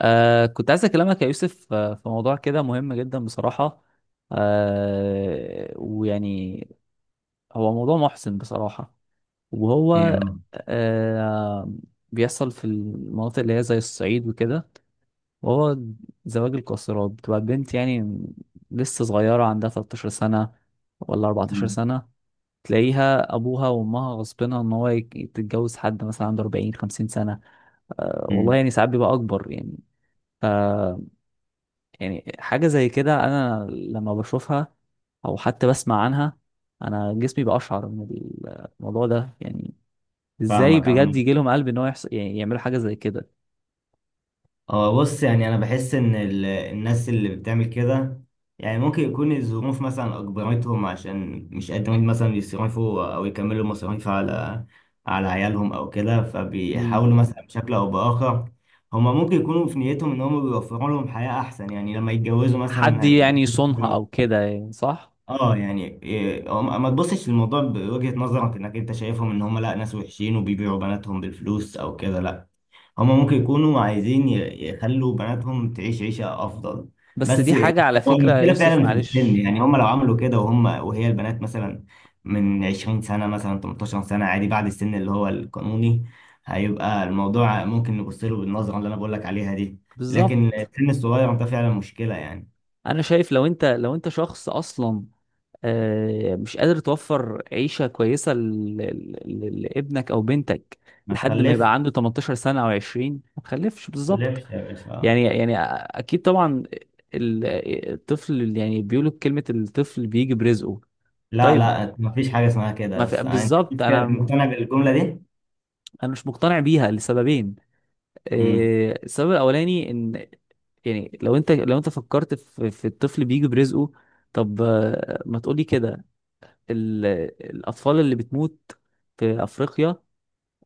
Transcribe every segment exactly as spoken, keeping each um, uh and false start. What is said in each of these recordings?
آه كنت عايز اكلمك يا يوسف آه، في موضوع كده مهم جدا بصراحة. آه ويعني هو موضوع محزن بصراحة. وهو ايوه. آه بيحصل في المناطق اللي هي زي الصعيد وكده. وهو زواج القاصرات، بتبقى بنت يعني لسه صغيرة عندها ثلاثة عشر سنة ولا اربعتاشر أمم. سنة، تلاقيها أبوها وأمها غصبنها إن هو يك- تتجوز حد مثلا عنده اربعين خمسين سنة. آه والله أمم. يعني ساعات بيبقى أكبر يعني. يعني حاجة زي كده أنا لما بشوفها أو حتى بسمع عنها، أنا جسمي بأشعر من الموضوع ده يعني. إزاي فاهمك بجد عمو. يجي لهم قلب إن هو يحصل يعني يعملوا حاجة زي كده؟ هو بص يعني انا بحس ان ال- الناس اللي بتعمل كده يعني ممكن يكون الظروف مثلا اجبرتهم عشان مش قادرين مثلا يصرفوا او يكملوا مصاريف على على عيالهم او كده امم، فبيحاولوا مثلا بشكل او باخر. هما ممكن يكونوا في نيتهم ان هما بيوفروا لهم حياة احسن يعني لما يتجوزوا حد مثلا هيبقوا، يعني يصونها أو كده، يعني صح. اه يعني إيه، هم- ما تبصش للموضوع بوجهة نظرك انك انت شايفهم ان هم لا ناس وحشين وبيبيعوا بناتهم بالفلوس او كده، لا. هما ممكن يكونوا عايزين ي- يخلوا بناتهم تعيش عيشة أفضل. بس بس دي حاجة على هو فكرة يا المشكلة يوسف، فعلا في السن معلش. يعني هما لو عملوا كده، وهم وهي البنات مثلا من عشرين سنة مثلا ثمانية عشر سنة عادي بعد السن اللي هو القانوني، هيبقى الموضوع ممكن نبص له بالنظرة اللي أنا بقول لك عليها دي. لكن بالظبط. السن الصغير ده فعلا مشكلة يعني. أنا شايف لو أنت لو أنت شخص أصلا آه، مش قادر توفر عيشة كويسة ل- ل- ل- لابنك أو بنتك ما لحد ما يبقى تخلفش. عنده ثمانية عشر سنة أو عشرين، ما تخلفش ما بالظبط. تخلفش يا باشا. يعني يعني اكيد طبعا. ال- الطفل، يعني بيقولوا كلمة الطفل بيجي برزقه. لا، طيب، لا، ما فيش حاجة اسمها ما كده. في بس أنت بالظبط. أنت انا مقتنع بالجملة دي؟ انا مش مقتنع بيها لسببين. مم. إيه، السبب الاولاني ان يعني لو انت لو انت فكرت في, في الطفل بيجي برزقه، طب آه، ما تقولي كده. ال- الاطفال اللي بتموت في افريقيا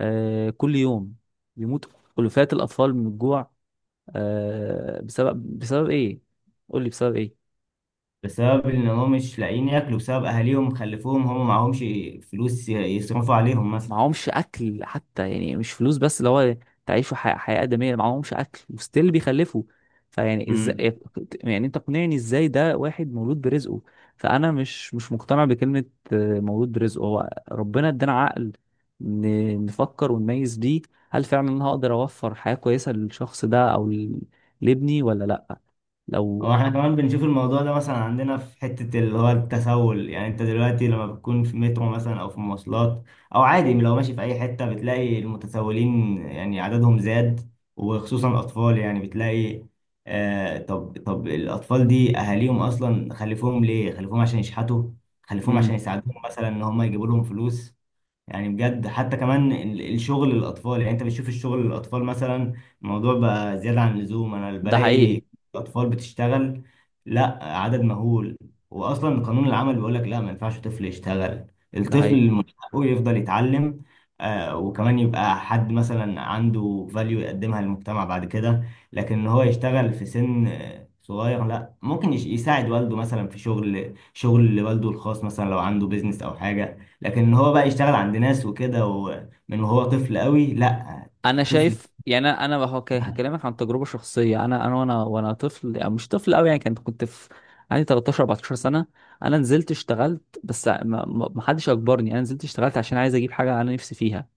آه، كل يوم بيموت ألوفات الأطفال من الجوع آه، بسبب بسبب إيه؟ قول لي بسبب إيه؟ بسبب ان هم مش لاقيين ياكلوا، بسبب اهاليهم خلفوهم هم معهمش فلوس ي- يصرفوا عليهم مثلا. معهمش اكل حتى، يعني مش فلوس بس، اللي هو تعيشوا حياة, حياة آدمية، معهمش اكل وستيل بيخلفوا. فيعني امم ازاي؟ يعني انت اقنعني ازاي ده واحد مولود برزقه. فانا مش مش مقتنع بكلمة آه، مولود برزقه. هو ربنا ادانا عقل ن- نفكر ونميز بيه. هل فعلا انا هقدر اوفر حياة كويسة للشخص ده او ل- لابني ولا لا؟ هو لو احنا كمان بنشوف الموضوع ده مثلا عندنا في حتة اللي هو التسول، يعني انت دلوقتي لما بتكون في مترو مثلا او في مواصلات او عادي لو ماشي في اي حتة بتلاقي المتسولين يعني عددهم زاد، وخصوصا الاطفال يعني بتلاقي. آه طب طب الاطفال دي اهاليهم اصلا خلفوهم ليه؟ خلفوهم عشان يشحتوا، خلفوهم عشان امم، يساعدوهم مثلا، ان هم يجيبوا لهم فلوس. يعني بجد حتى كمان ال- الشغل للاطفال، يعني انت بتشوف الشغل للاطفال مثلا الموضوع بقى زياده عن اللزوم. انا ده حقيقي بلاقي الاطفال بتشتغل، لا، عدد مهول. واصلا قانون العمل بيقول لك لا، ما ينفعش طفل يشتغل. ده حقيقي. الطفل من حقه يفضل يتعلم. آه وكمان يبقى حد مثلا عنده فاليو يقدمها للمجتمع بعد كده. لكن ان هو يشتغل في سن آه، صغير، لا. ممكن يش- يساعد والده مثلا في شغل شغل والده الخاص، مثلا لو عنده بيزنس او حاجه. لكن ان هو بقى يشتغل عند ناس وكده ومن وهو طفل قوي، لا. انا طفل. شايف يعني انا أنا هو ك- هكلمك عن تجربه شخصيه. انا انا وانا وانا طفل، يعني مش طفل قوي، يعني كنت كنت في عندي تلتاشر اربعتاشر سنه، انا نزلت اشتغلت، بس ما ما- ما حدش اجبرني. انا نزلت اشتغلت عشان عايز اجيب حاجه انا نفسي فيها.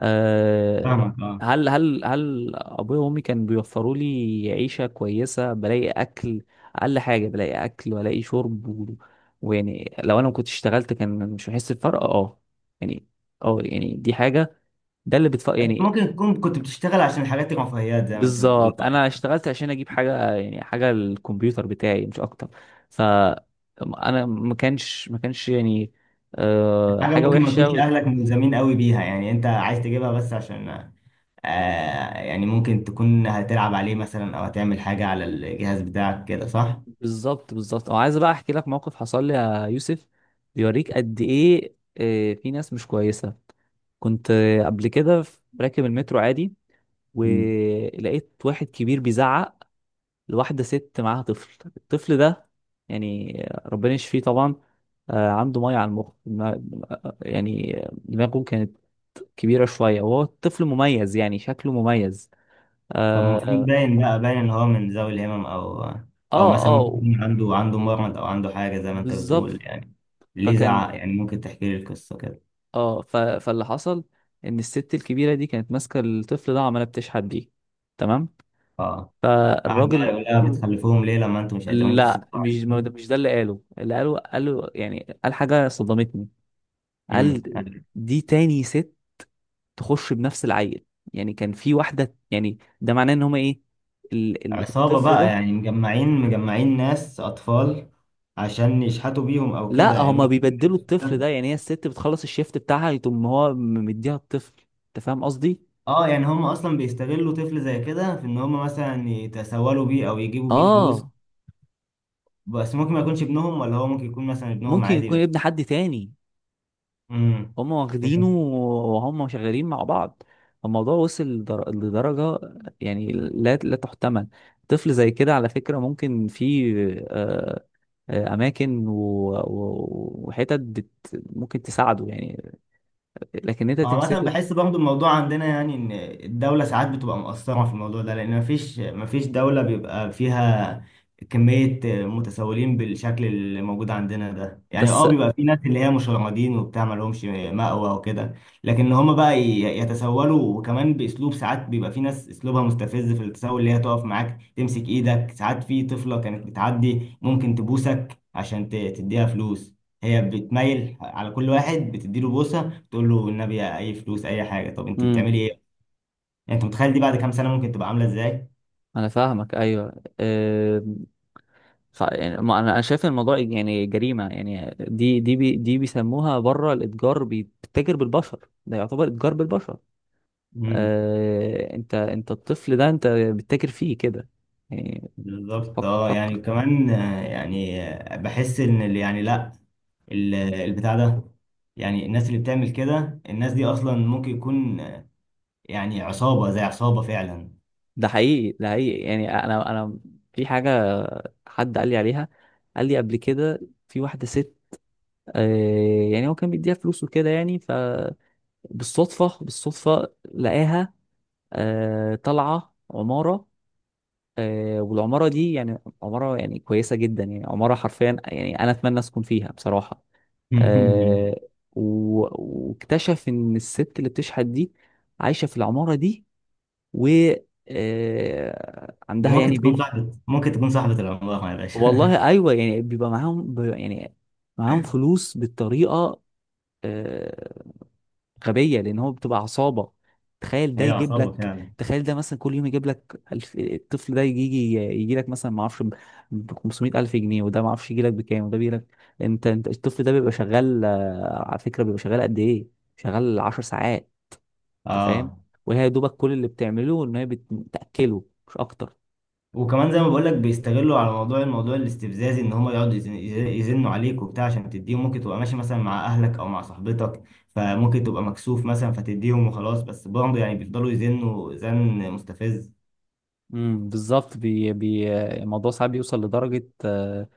أه. فاهمك، اه. هل هل هل ابويا وامي كانوا بيوفروا لي عيشه كويسه، بلاقي اكل، اقل حاجه بلاقي اكل والاقي شرب و... ويعني لو انا ما كنتش اشتغلت كان مش هحس بفرق. اه يعني. اه يعني دي حاجه، ده اللي بتفرق انت يعني. ممكن تكون كنت بتشتغل عشان حاجات رفاهيات زي ما انت بتقول، بالظبط. اه يعني. انا اشتغلت عشان اجيب حاجه، يعني حاجه للكمبيوتر بتاعي مش اكتر. ف انا ما كانش ما كانش يعني أه حاجه حاجه ممكن ما وحشه يكونش و- اهلك ملزمين قوي بيها، يعني انت عايز تجيبها بس عشان، آه يعني ممكن تكون هتلعب عليه مثلا او هتعمل حاجه على الجهاز بتاعك كده، صح. بالظبط بالظبط. او عايز بقى احكي لك موقف حصل لي يا يوسف، بيوريك قد ايه آه، في ناس مش كويسه. كنت آه، قبل كده في- راكب المترو عادي، مم. ولقيت واحد كبير بيزعق لواحدة ست معاها طفل. الطفل ده يعني ربنا يشفيه طبعا آه، عنده مية على المخ ما- يعني دماغه كانت كبيرة شوية، وهو الطفل مميز يعني شكله مميز. طب المفروض اه باين، بقى باين ان هو من ذوي الهمم او او اه مثلا ممكن آه، يكون عنده عنده مرض، او عنده حاجه زي ما انت بتقول بالظبط. يعني. ليه فكان زعق يعني؟ ممكن تحكي لي القصه كده. اه ف... فاللي حصل ان الست الكبيرة دي كانت ماسكة الطفل ده وعمالة بتشحت بيه. تمام. اه. قاعد بقى فالراجل، يقول لها بتخلفوهم ليه لما انتوا مش قادرين لا، تصرفوا مش ما ده- عليهم؟ مش ده اللي قاله. اللي قاله قاله يعني قال حاجة صدمتني. امم قال يعني دي تاني ست تخش بنفس العيل. يعني كان في واحدة، يعني ده معناه ان هما ايه، ال- ال- عصابة الطفل بقى، ده، يعني مجمعين مجمعين ناس أطفال عشان يشحتوا بيهم أو كده لا يعني، هما ممكن. بيبدلوا الطفل ده، ده. يعني هي الست بتخلص الشيفت بتاعها، يتم هو م- مديها الطفل. انت فاهم قصدي؟ اه. يعني هم أصلا بيستغلوا طفل زي كده في إن هم مثلا يتسولوا بيه أو يجيبوا بيه فلوس. اه. بس ممكن ما يكونش ابنهم، ولا هو ممكن يكون مثلا ابنهم ممكن عادي يكون بس. ابن حد تاني، امم هما واخدينه وهم شغالين مع بعض. الموضوع وصل لدر- لدرجة يعني لا لا تحتمل. طفل زي كده على فكرة ممكن في آه، آه، اماكن و... و... وحتت بت... ممكن تساعده يعني، لكن انت عامة تمسكه. بحس برضو الموضوع عندنا يعني إن الدولة ساعات بتبقى مقصرة في الموضوع ده، لأن مفيش مفيش دولة بيبقى فيها كمية متسولين بالشكل اللي موجود عندنا ده. يعني، بس اه، بيبقى في ناس اللي هي مشردين وبتاع مالهمش مأوى وكده، لكن هما بقى ي- يتسولوا وكمان بأسلوب. ساعات بيبقى في ناس أسلوبها مستفز في التسول، اللي هي تقف معاك تمسك إيدك. ساعات في طفلة كانت بتعدي ممكن تبوسك عشان ت- تديها فلوس. هي بتميل على كل واحد بتديله بوسة، تقول له النبي، اي فلوس، اي حاجه. طب انت امم بتعملي ايه؟ يعني انت متخيل دي بعد كام سنه ممكن تبقى عامله ازاي؟ انا فاهمك، ايوه أم، ف... يعني ما انا أنا شايف إن الموضوع يعني جريمه. يعني دي دي بي... دي بيسموها بره الاتجار بي- بتتاجر بالبشر. ده يعتبر اتجار بالبشر. امم أه... انت انت الطفل ده انت بتتاجر فيه كده يعني. بالظبط، فكر اه. يعني فكر كمان آه، يعني آه، بحس ان ال- يعني لا، ال- البتاع ده، يعني الناس اللي بتعمل كده، الناس دي اصلا ممكن يكون آه، يعني عصابه، زي عصابه فعلا. ده حقيقي ده حقيقي. يعني انا انا في حاجه حد قال لي عليها، قال لي قبل كده في واحده ست آه، يعني هو كان بيديها فلوس وكده يعني. فبالصدفة بالصدفة لقاها آه، طالعة عمارة آه، والعمارة دي يعني عمارة يعني كويسة جدا، يعني عمارة حرفيا يعني أنا أتمنى أسكن فيها بصراحة. آه، و- واكتشف إن الست اللي بتشحت دي عايشة في العمارة دي، و آه، دي عندها ممكن يعني تكون بيت. صاحبة، ممكن تكون صاحبة العملاق يا باشا. والله أيوه، يعني بيبقى معاهم، بيبقى يعني معاهم فلوس بالطريقة آه، غبيه، لان هو بتبقى عصابه. تخيل ده هي يجيب عصابة لك، فعلا. تخيل ده مثلا كل يوم يجيب لك الف... الطفل ده يجي يجي يجي لك مثلا ما اعرفش ب خمسمائة الف جنيه، وده ما اعرفش يجي لك بكام، وده بيجي لك. انت انت الطفل ده بيبقى شغال آه، على فكره بيبقى شغال قد ايه؟ شغال عشر ساعات. انت فاهم. اه، وهي يا دوبك كل اللي بتعمله ان هي بت- بتاكله مش اكتر. وكمان زي ما بقول لك بيستغلوا على موضوع، الموضوع الاستفزازي، ان هم يقعدوا يزن- يزنوا عليك وبتاع عشان تديهم. ممكن تبقى ماشي مثلا مع اهلك او مع صاحبتك، فممكن تبقى مكسوف مثلا فتديهم وخلاص، بس برضه يعني بيفضلوا يزنوا زن مستفز. امم بالظبط. بي... بي... الموضوع ساعات بيوصل لدرجه آه،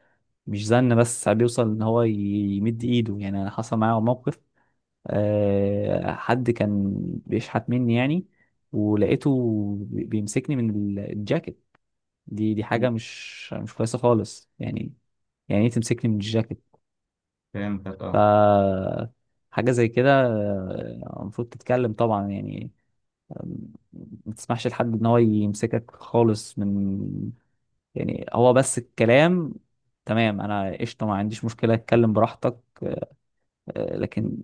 مش زن بس، ساعات بيوصل ان هو ي- يمد ايده. يعني انا حصل معايا موقف آه، حد كان بيشحت مني يعني، ولقيته بي- بيمسكني من ال- الجاكيت. دي دي مم. حاجة مش مش كويسة خالص يعني. يعني ايه تمسكني من الجاكيت؟ فهمتك، ف اه. حاجة زي كده آه، المفروض تتكلم طبعا يعني. آم، ما تسمحش لحد ان هو يمسكك خالص من، يعني هو بس الكلام تمام، انا قشطة ما عنديش مشكلة، اتكلم براحتك آه، لكن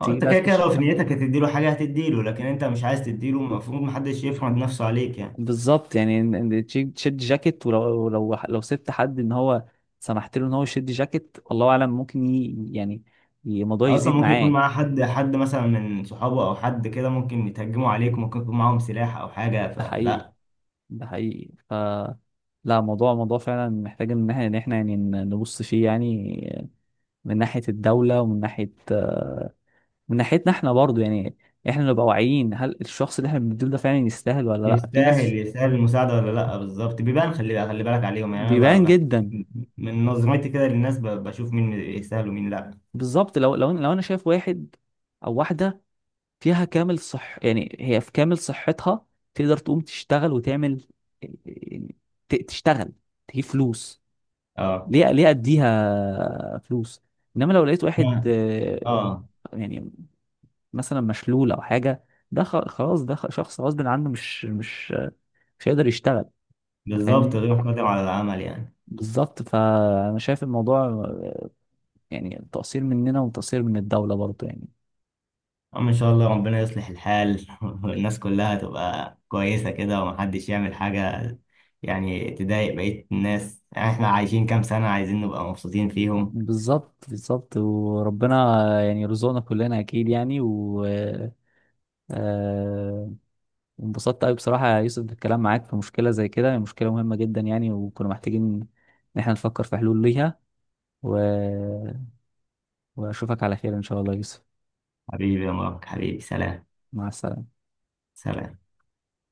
اه، تيجي انت بقى كده كده لو تخش في نيتك هتديله حاجه هتديله، لكن انت مش عايز تديله. المفروض محدش يفرض نفسه عليك يعني. بالظبط. يعني ان إن تشي- تشد جاكيت، ولو لو لو سبت حد ان هو سمحت له ان هو يشد جاكيت، الله اعلم ممكن ي... يعني ي- الموضوع اصلا يزيد ممكن يكون معاه. معاه حد حد مثلا من صحابه او حد كده، ممكن يتهجموا عليك، ممكن يكون معاهم سلاح او حاجه، ده حقيقي فلا. ده حقيقي. ف لا، موضوع موضوع فعلا محتاج ان احنا إن إحنا يعني ن- نبص فيه، يعني من ناحية الدولة ومن ناحية آه، من ناحيتنا احنا برضو يعني، احنا نبقى واعيين هل الشخص اللي احنا بنديله ده فعلا يستاهل ولا لا. في يستاهل ناس يستاهل المساعدة ولا لأ؟ بالظبط، بيبان. خلي خلي بالك عليهم يعني. أنا ب- بيبان بح- جدا. من نظرتي كده للناس ب- بشوف مين يستاهل ومين لأ. بالظبط. لو لو لو انا شايف واحد او واحدة فيها كامل صح، يعني هي في كامل صحتها، تقدر تقوم تشتغل وتعمل، ت- تشتغل تجيب فلوس، اه. ليه ليه اديها فلوس؟ انما لو لقيت واحد لا، آه، اه. يعني مثلا مشلول او حاجه، ده خ- خلاص ده خ- شخص غصب عنه، مش مش مش هيقدر يشتغل. أنت بالظبط، فاهمني. غير قادر على العمل يعني. بالظبط. فانا شايف الموضوع آه، يعني تقصير مننا وتقصير من الدوله برضه يعني. أما إن شاء الله ربنا يصلح الحال. والناس كلها تبقى كويسة كده ومحدش يعمل حاجة يعني تضايق بقية الناس. يعني إحنا عايشين كام سنة عايزين نبقى مبسوطين فيهم. بالظبط بالظبط. وربنا يعني يرزقنا كلنا اكيد يعني، و آه، وانبسطت قوي بصراحة يا يوسف بالكلام معاك في مشكلة زي كده، هي مشكلة مهمة جدا يعني، وكنا محتاجين إن احنا نفكر في حلول ليها، و... وأشوفك على خير إن شاء الله يا يوسف. حبيبي يا مبارك، حبيبي، سلام. مع السلامة سلام.